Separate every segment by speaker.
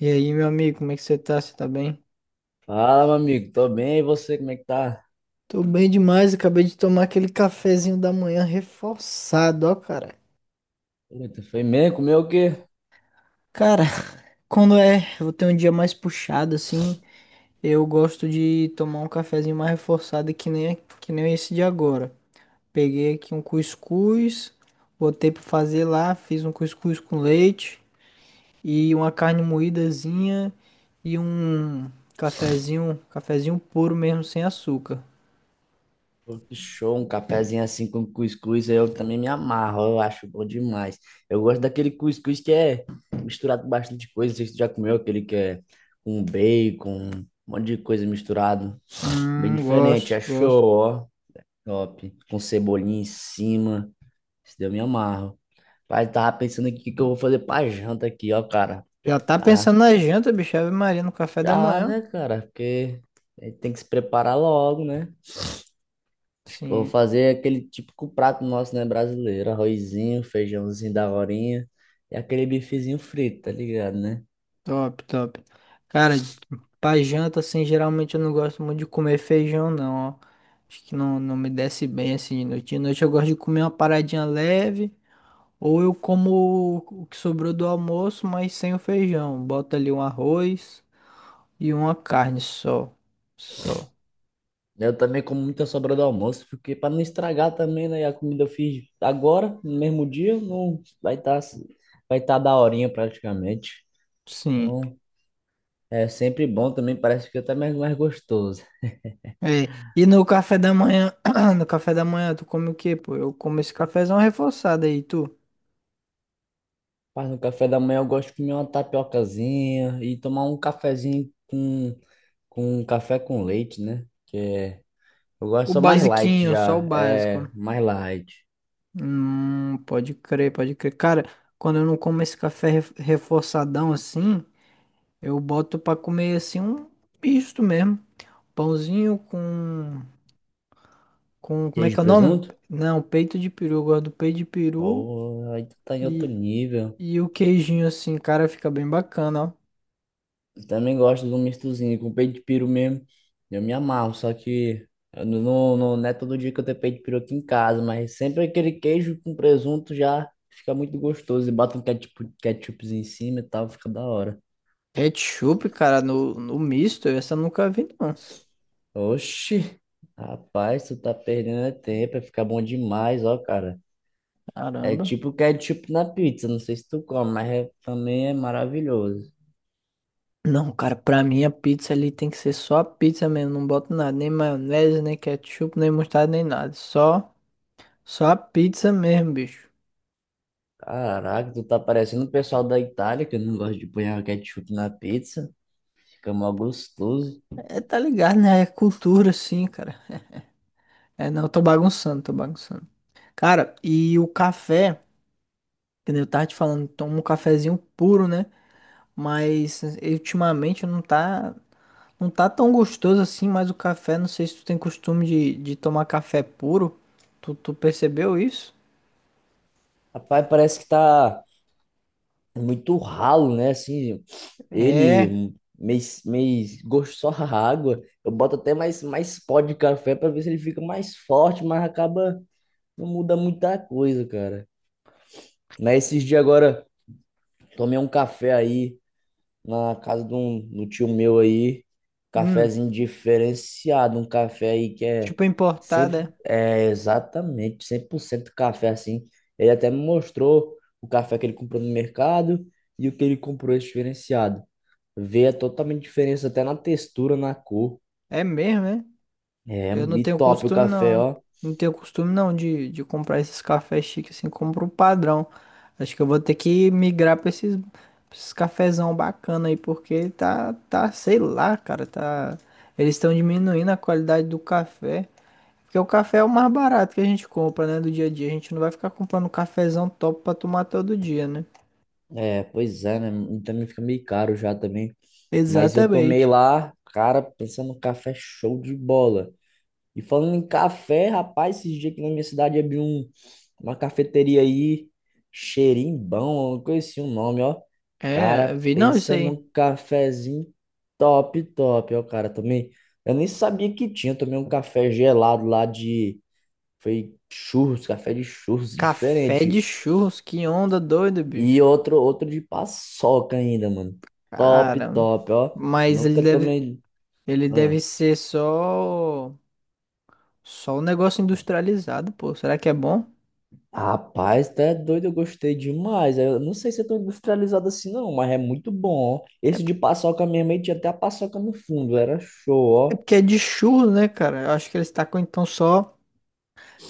Speaker 1: E aí, meu amigo, como é que você tá? Você tá bem?
Speaker 2: Fala, meu amigo, tô bem, e você, como é que tá?
Speaker 1: Tô bem demais, acabei de tomar aquele cafezinho da manhã reforçado, ó, cara.
Speaker 2: Eita, foi mesmo? Comeu o quê?
Speaker 1: Cara, quando é, eu tenho um dia mais puxado assim, eu gosto de tomar um cafezinho mais reforçado que nem esse de agora. Peguei aqui um cuscuz, botei pra fazer lá, fiz um cuscuz com leite e uma carne moídazinha e um cafezinho, cafezinho puro mesmo sem açúcar.
Speaker 2: Pô, que show, um cafezinho assim com cuscuz, eu também me amarro, eu acho bom demais. Eu gosto daquele cuscuz que é misturado com bastante coisa, não sei se tu já comeu aquele que é com bacon, um monte de coisa misturado, bem diferente, é
Speaker 1: Gosto, gosto.
Speaker 2: show, ó, top, com cebolinha em cima, isso daí eu me amarro. Pai, tava pensando aqui o que que eu vou fazer pra janta aqui, ó, cara,
Speaker 1: Já tá
Speaker 2: tá?
Speaker 1: pensando na janta, bicho. Ave Maria no café da
Speaker 2: Já,
Speaker 1: manhã.
Speaker 2: né, cara? Porque a gente tem que se preparar logo, né? Acho que eu vou
Speaker 1: Sim,
Speaker 2: fazer aquele típico prato nosso, né, brasileiro. Arrozinho, feijãozinho da horinha e aquele bifezinho frito, tá ligado, né?
Speaker 1: top, top. Cara, pra janta, assim, geralmente eu não gosto muito de comer feijão, não, ó. Acho que não me desce bem, assim, de noite. De noite eu gosto de comer uma paradinha leve, ou eu como o que sobrou do almoço, mas sem o feijão. Bota ali um arroz e uma carne só. Só.
Speaker 2: Eu também como muita sobra do almoço, porque para não estragar também, né? E a comida eu fiz agora, no mesmo dia, não vai estar vai tá da horinha praticamente.
Speaker 1: Sim.
Speaker 2: Então, é sempre bom também, parece que é até mais gostoso.
Speaker 1: É, e no café da manhã, no café da manhã, tu come o quê, pô? Eu como esse cafezão reforçado aí, tu?
Speaker 2: Mas no café da manhã eu gosto de comer uma tapiocazinha e tomar um cafezinho com café com leite, né? Que é, eu gosto
Speaker 1: O
Speaker 2: só mais light
Speaker 1: basiquinho, só o
Speaker 2: já, é
Speaker 1: básico.
Speaker 2: mais light.
Speaker 1: Pode crer, pode crer. Cara, quando eu não como esse reforçadão assim, eu boto pra comer assim um misto mesmo. Pãozinho com, como é
Speaker 2: Queijo
Speaker 1: que
Speaker 2: e
Speaker 1: é o nome?
Speaker 2: presunto?
Speaker 1: Não, peito de peru. Eu gosto do peito de peru
Speaker 2: Pô, aí tu tá em outro
Speaker 1: e,
Speaker 2: nível.
Speaker 1: e o queijinho assim, cara, fica bem bacana, ó.
Speaker 2: Eu também gosto de um mistozinho com peito de peru mesmo. Eu me amarro, só que eu não é todo dia que eu tenho peito de peru aqui em casa, mas sempre aquele queijo com presunto já fica muito gostoso. E bota um ketchup, ketchupzinho em cima e tal, fica da hora.
Speaker 1: Ketchup, cara, no misto, essa eu nunca vi, não.
Speaker 2: Oxi, rapaz, tu tá perdendo é tempo, vai ficar bom demais, ó, cara. É
Speaker 1: Caramba.
Speaker 2: tipo ketchup na pizza, não sei se tu come, mas também é maravilhoso.
Speaker 1: Não, cara, pra mim a pizza ali tem que ser só a pizza mesmo, não boto nada, nem maionese, nem ketchup, nem mostarda, nem nada. Só a pizza mesmo, bicho.
Speaker 2: Caraca, tu tá parecendo o pessoal da Itália, que não gosta de pôr ketchup na pizza. Fica mó gostoso.
Speaker 1: É, tá ligado, né? É cultura, sim, cara. É, não, eu tô bagunçando, tô bagunçando. Cara, e o café, que nem eu tava te falando, tomo um cafezinho puro, né? Mas ultimamente não tá tão gostoso assim, mas o café, não sei se tu tem costume de tomar café puro. Tu percebeu isso?
Speaker 2: Rapaz, parece que tá muito ralo, né? Assim,
Speaker 1: É.
Speaker 2: ele meio gosto só a água. Eu boto até mais pó de café pra ver se ele fica mais forte, mas acaba não muda muita coisa, cara. Mas esses dias agora, tomei um café aí na casa de do tio meu aí,
Speaker 1: Hum.
Speaker 2: cafezinho diferenciado, um café aí que é,
Speaker 1: Tipo é
Speaker 2: sempre,
Speaker 1: importada.
Speaker 2: é exatamente 100% café assim. Ele até me mostrou o café que ele comprou no mercado e o que ele comprou esse diferenciado. Vê a totalmente diferença até na textura, na cor.
Speaker 1: É mesmo, né?
Speaker 2: É,
Speaker 1: Eu não
Speaker 2: e
Speaker 1: tenho
Speaker 2: top o
Speaker 1: costume,
Speaker 2: café,
Speaker 1: não.
Speaker 2: ó.
Speaker 1: Não tenho costume, não, de comprar esses cafés chiques assim, compro o padrão. Acho que eu vou ter que migrar pra pra esses cafezão bacana aí, porque sei lá, cara, tá... Eles estão diminuindo a qualidade do café. Porque o café é o mais barato que a gente compra, né, do dia a dia. A gente não vai ficar comprando cafezão top pra tomar todo dia, né?
Speaker 2: É, pois é, né? E também fica meio caro já também. Mas eu tomei
Speaker 1: Exatamente.
Speaker 2: lá, cara, pensando no café show de bola. E falando em café, rapaz, esses dias aqui na minha cidade abriu uma cafeteria aí, Xerimbão, eu não conheci o nome, ó.
Speaker 1: É,
Speaker 2: Cara,
Speaker 1: eu vi não isso
Speaker 2: pensa
Speaker 1: aí.
Speaker 2: num cafezinho top, top, ó, cara, também. Eu nem sabia que tinha, eu tomei um café gelado lá foi churros, café de churros,
Speaker 1: Café de
Speaker 2: diferente.
Speaker 1: churros, que onda doida,
Speaker 2: E
Speaker 1: bicho.
Speaker 2: outro de paçoca ainda, mano. Top,
Speaker 1: Cara,
Speaker 2: top, ó.
Speaker 1: mas
Speaker 2: Nunca tomei...
Speaker 1: ele
Speaker 2: Ah.
Speaker 1: deve ser só, só um negócio industrializado, pô. Será que é bom?
Speaker 2: Rapaz, tá doido, eu gostei demais. Eu não sei se é tão industrializado assim, não, mas é muito bom, ó.
Speaker 1: É,
Speaker 2: Esse
Speaker 1: p-
Speaker 2: de paçoca mesmo, aí tinha até a paçoca no fundo, era show,
Speaker 1: é
Speaker 2: ó.
Speaker 1: porque é de churro, né, cara? Eu acho que eles tacam então só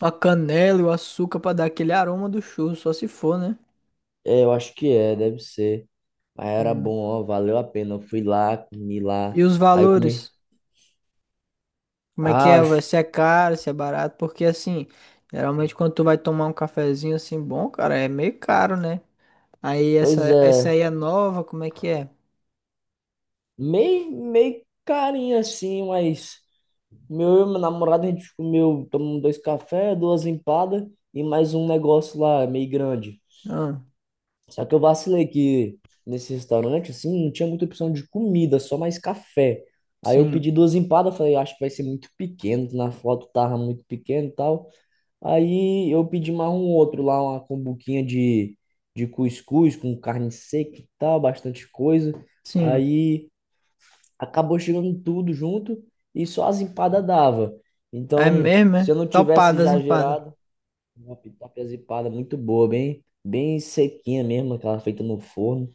Speaker 1: a canela e o açúcar pra dar aquele aroma do churro, só se for, né?
Speaker 2: É, eu acho que é, deve ser. Mas era
Speaker 1: Hum.
Speaker 2: bom, ó, valeu a pena. Eu fui lá, comi lá,
Speaker 1: E os
Speaker 2: aí eu
Speaker 1: valores?
Speaker 2: comi.
Speaker 1: Como é que
Speaker 2: Ah,
Speaker 1: é?
Speaker 2: acho-
Speaker 1: Vai ser caro, se é barato? Porque assim, geralmente quando tu vai tomar um cafezinho assim bom, cara, é meio caro, né? Aí
Speaker 2: Pois
Speaker 1: essa
Speaker 2: é,
Speaker 1: aí é nova, como é que é?
Speaker 2: meio, meio carinho assim, mas meu e meu namorado, a gente comeu, tomamos dois cafés, duas empadas e mais um negócio lá, meio grande.
Speaker 1: Ah,
Speaker 2: Só que eu vacilei que nesse restaurante, assim, não tinha muita opção de comida, só mais café. Aí eu pedi
Speaker 1: sim,
Speaker 2: duas empadas, falei, "Ah, acho que vai ser muito pequeno, na foto tava muito pequeno e tal". Aí eu pedi mais um outro lá, uma combuquinha de cuscuz com carne seca e tal, bastante coisa.
Speaker 1: sim.
Speaker 2: Aí acabou chegando tudo junto e só as empadas dava.
Speaker 1: É
Speaker 2: Então,
Speaker 1: mesmo,
Speaker 2: se
Speaker 1: é?
Speaker 2: eu não tivesse
Speaker 1: Topadas
Speaker 2: já
Speaker 1: empadas.
Speaker 2: gerado, uma pitaca empadas é muito boa, bem, bem sequinha mesmo, aquela feita no forno.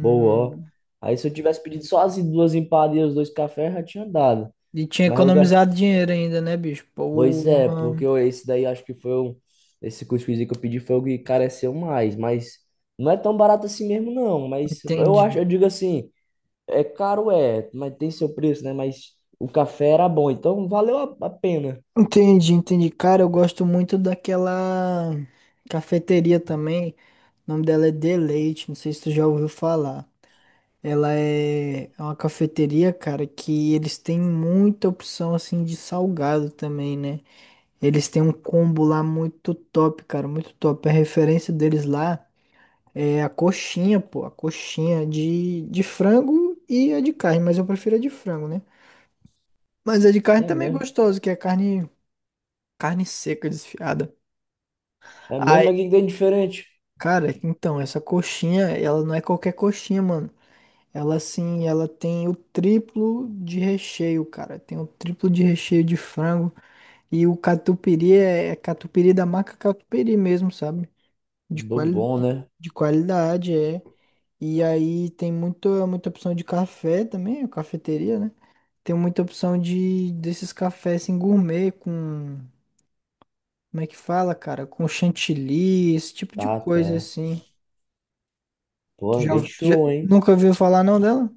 Speaker 2: Boa, ó. Aí se eu tivesse pedido só as duas empadas e os dois cafés, já tinha dado.
Speaker 1: e tinha
Speaker 2: Mas eu... ga-
Speaker 1: economizado dinheiro ainda, né, bicho?
Speaker 2: Pois é, porque
Speaker 1: Porra,
Speaker 2: esse daí acho que foi o... Esse cuscuzinho que eu pedi foi o que careceu mais. Mas não é tão barato assim mesmo, não. Mas eu acho,
Speaker 1: entendi.
Speaker 2: eu digo assim, é caro, é, mas tem seu preço, né? Mas o café era bom, então valeu a pena.
Speaker 1: Entendi, entendi. Cara, eu gosto muito daquela cafeteria também. O nome dela é Deleite, não sei se tu já ouviu falar. Ela é uma cafeteria, cara, que eles têm muita opção assim de salgado também, né? Eles têm um combo lá muito top, cara, muito top. A referência deles lá. É a coxinha, pô, a coxinha de frango e a de carne, mas eu prefiro a de frango, né? Mas a de carne
Speaker 2: É
Speaker 1: também é
Speaker 2: mesmo.
Speaker 1: gostosa, que é carne, carne seca, desfiada.
Speaker 2: É mesmo,
Speaker 1: Ai,
Speaker 2: mas o que que tem de diferente?
Speaker 1: cara, então, essa coxinha, ela não é qualquer coxinha, mano. Ela, assim, ela tem o triplo de recheio, cara. Tem o triplo de recheio de frango. E o catupiry é catupiry da marca catupiry mesmo, sabe? De,
Speaker 2: Do
Speaker 1: quali,
Speaker 2: bom, né?
Speaker 1: de qualidade, é. E aí tem muita opção de café também, a cafeteria, né? Tem muita opção de desses cafés assim, gourmet, como é que fala, cara? Com chantilly, esse tipo de
Speaker 2: Tá,
Speaker 1: coisa
Speaker 2: tá.
Speaker 1: assim. Tu
Speaker 2: Pô,
Speaker 1: já,
Speaker 2: bem
Speaker 1: ouvi- tu já-
Speaker 2: show, hein?
Speaker 1: nunca ouviu falar não dela?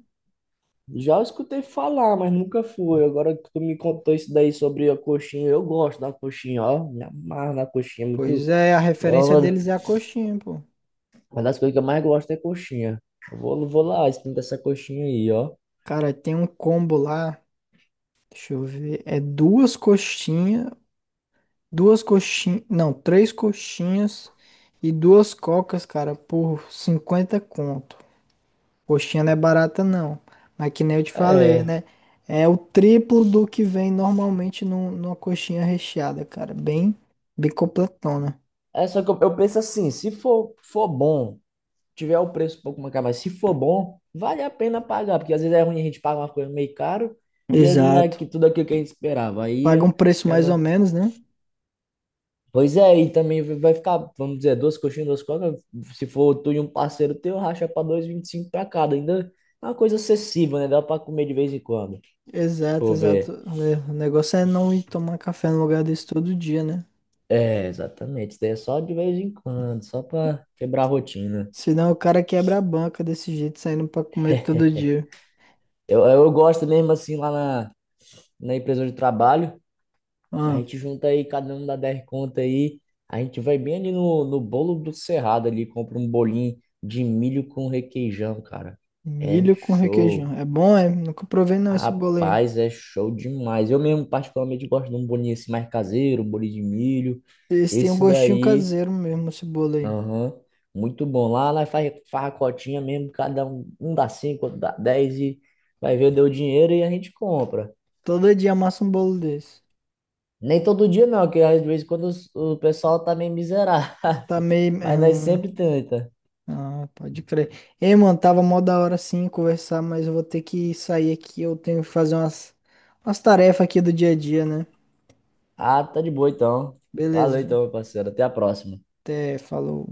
Speaker 2: Já escutei falar, mas nunca fui. Agora que tu me contou isso daí sobre a coxinha, eu gosto da coxinha, ó. Me amarro na coxinha, é muito.
Speaker 1: Pois é, a
Speaker 2: É
Speaker 1: referência
Speaker 2: uma
Speaker 1: deles é a coxinha, pô.
Speaker 2: uma das coisas que eu mais gosto é coxinha. Eu vou lá, experimentar essa coxinha aí, ó.
Speaker 1: Cara, tem um combo lá, deixa eu ver, é duas coxinhas, não, três coxinhas e duas cocas, cara, por 50 conto. Coxinha não é barata, não. Mas que nem eu te falei,
Speaker 2: É.
Speaker 1: né? É o triplo do que vem normalmente numa coxinha recheada, cara. Bem completona.
Speaker 2: É só que eu penso assim, se for bom, tiver o preço um pouco mais caro, mas se for bom, vale a pena pagar, porque às vezes é ruim a gente paga uma coisa meio caro e aí não é
Speaker 1: Exato.
Speaker 2: que tudo aquilo que a gente esperava.
Speaker 1: Paga um
Speaker 2: Aí
Speaker 1: preço mais ou
Speaker 2: quebra.
Speaker 1: menos, né?
Speaker 2: Pois é, e também vai ficar, vamos dizer, duas coxinhas, duas cocas. Se for tu e um parceiro teu, racha pra dois e vinte e cinco pra cada. Ainda é uma coisa acessível, né? Dá pra comer de vez em quando. Se
Speaker 1: Exato,
Speaker 2: for
Speaker 1: exato.
Speaker 2: ver.
Speaker 1: É, o negócio é não ir tomar café no lugar desse todo dia, né?
Speaker 2: É, exatamente. Isso daí é só de vez em quando, só pra quebrar a rotina.
Speaker 1: Senão o cara quebra a banca desse jeito, saindo pra comer todo dia.
Speaker 2: Eu gosto mesmo assim lá na empresa de trabalho. A
Speaker 1: Ah,
Speaker 2: gente junta aí, cada um dá 10 conta aí. A gente vai bem ali no bolo do Cerrado ali, compra um bolinho de milho com requeijão, cara. É
Speaker 1: milho com requeijão.
Speaker 2: show.
Speaker 1: É bom, é? Nunca provei não esse bolo aí.
Speaker 2: Rapaz, é show demais. Eu mesmo, particularmente, gosto de um bolinho assim mais caseiro, um bolinho de milho.
Speaker 1: Eles têm um
Speaker 2: Esse
Speaker 1: gostinho
Speaker 2: daí,
Speaker 1: caseiro mesmo, esse bolo aí.
Speaker 2: aham, muito bom. Lá faz farracotinha mesmo, cada um, um dá cinco, outro dá 10 e vai ver, deu dinheiro e a gente compra.
Speaker 1: Todo dia amassa um bolo desse.
Speaker 2: Nem todo dia não, que às vezes quando o pessoal tá meio miserável,
Speaker 1: Tá meio.
Speaker 2: mas nós sempre tenta.
Speaker 1: Ah, pode crer. Ei, mano, tava mó da hora sim conversar, mas eu vou ter que sair aqui. Eu tenho que fazer umas tarefas aqui do dia a dia, né?
Speaker 2: Ah, tá de boa então.
Speaker 1: Beleza,
Speaker 2: Valeu
Speaker 1: viu?
Speaker 2: então, meu parceiro. Até a próxima.
Speaker 1: Até falou.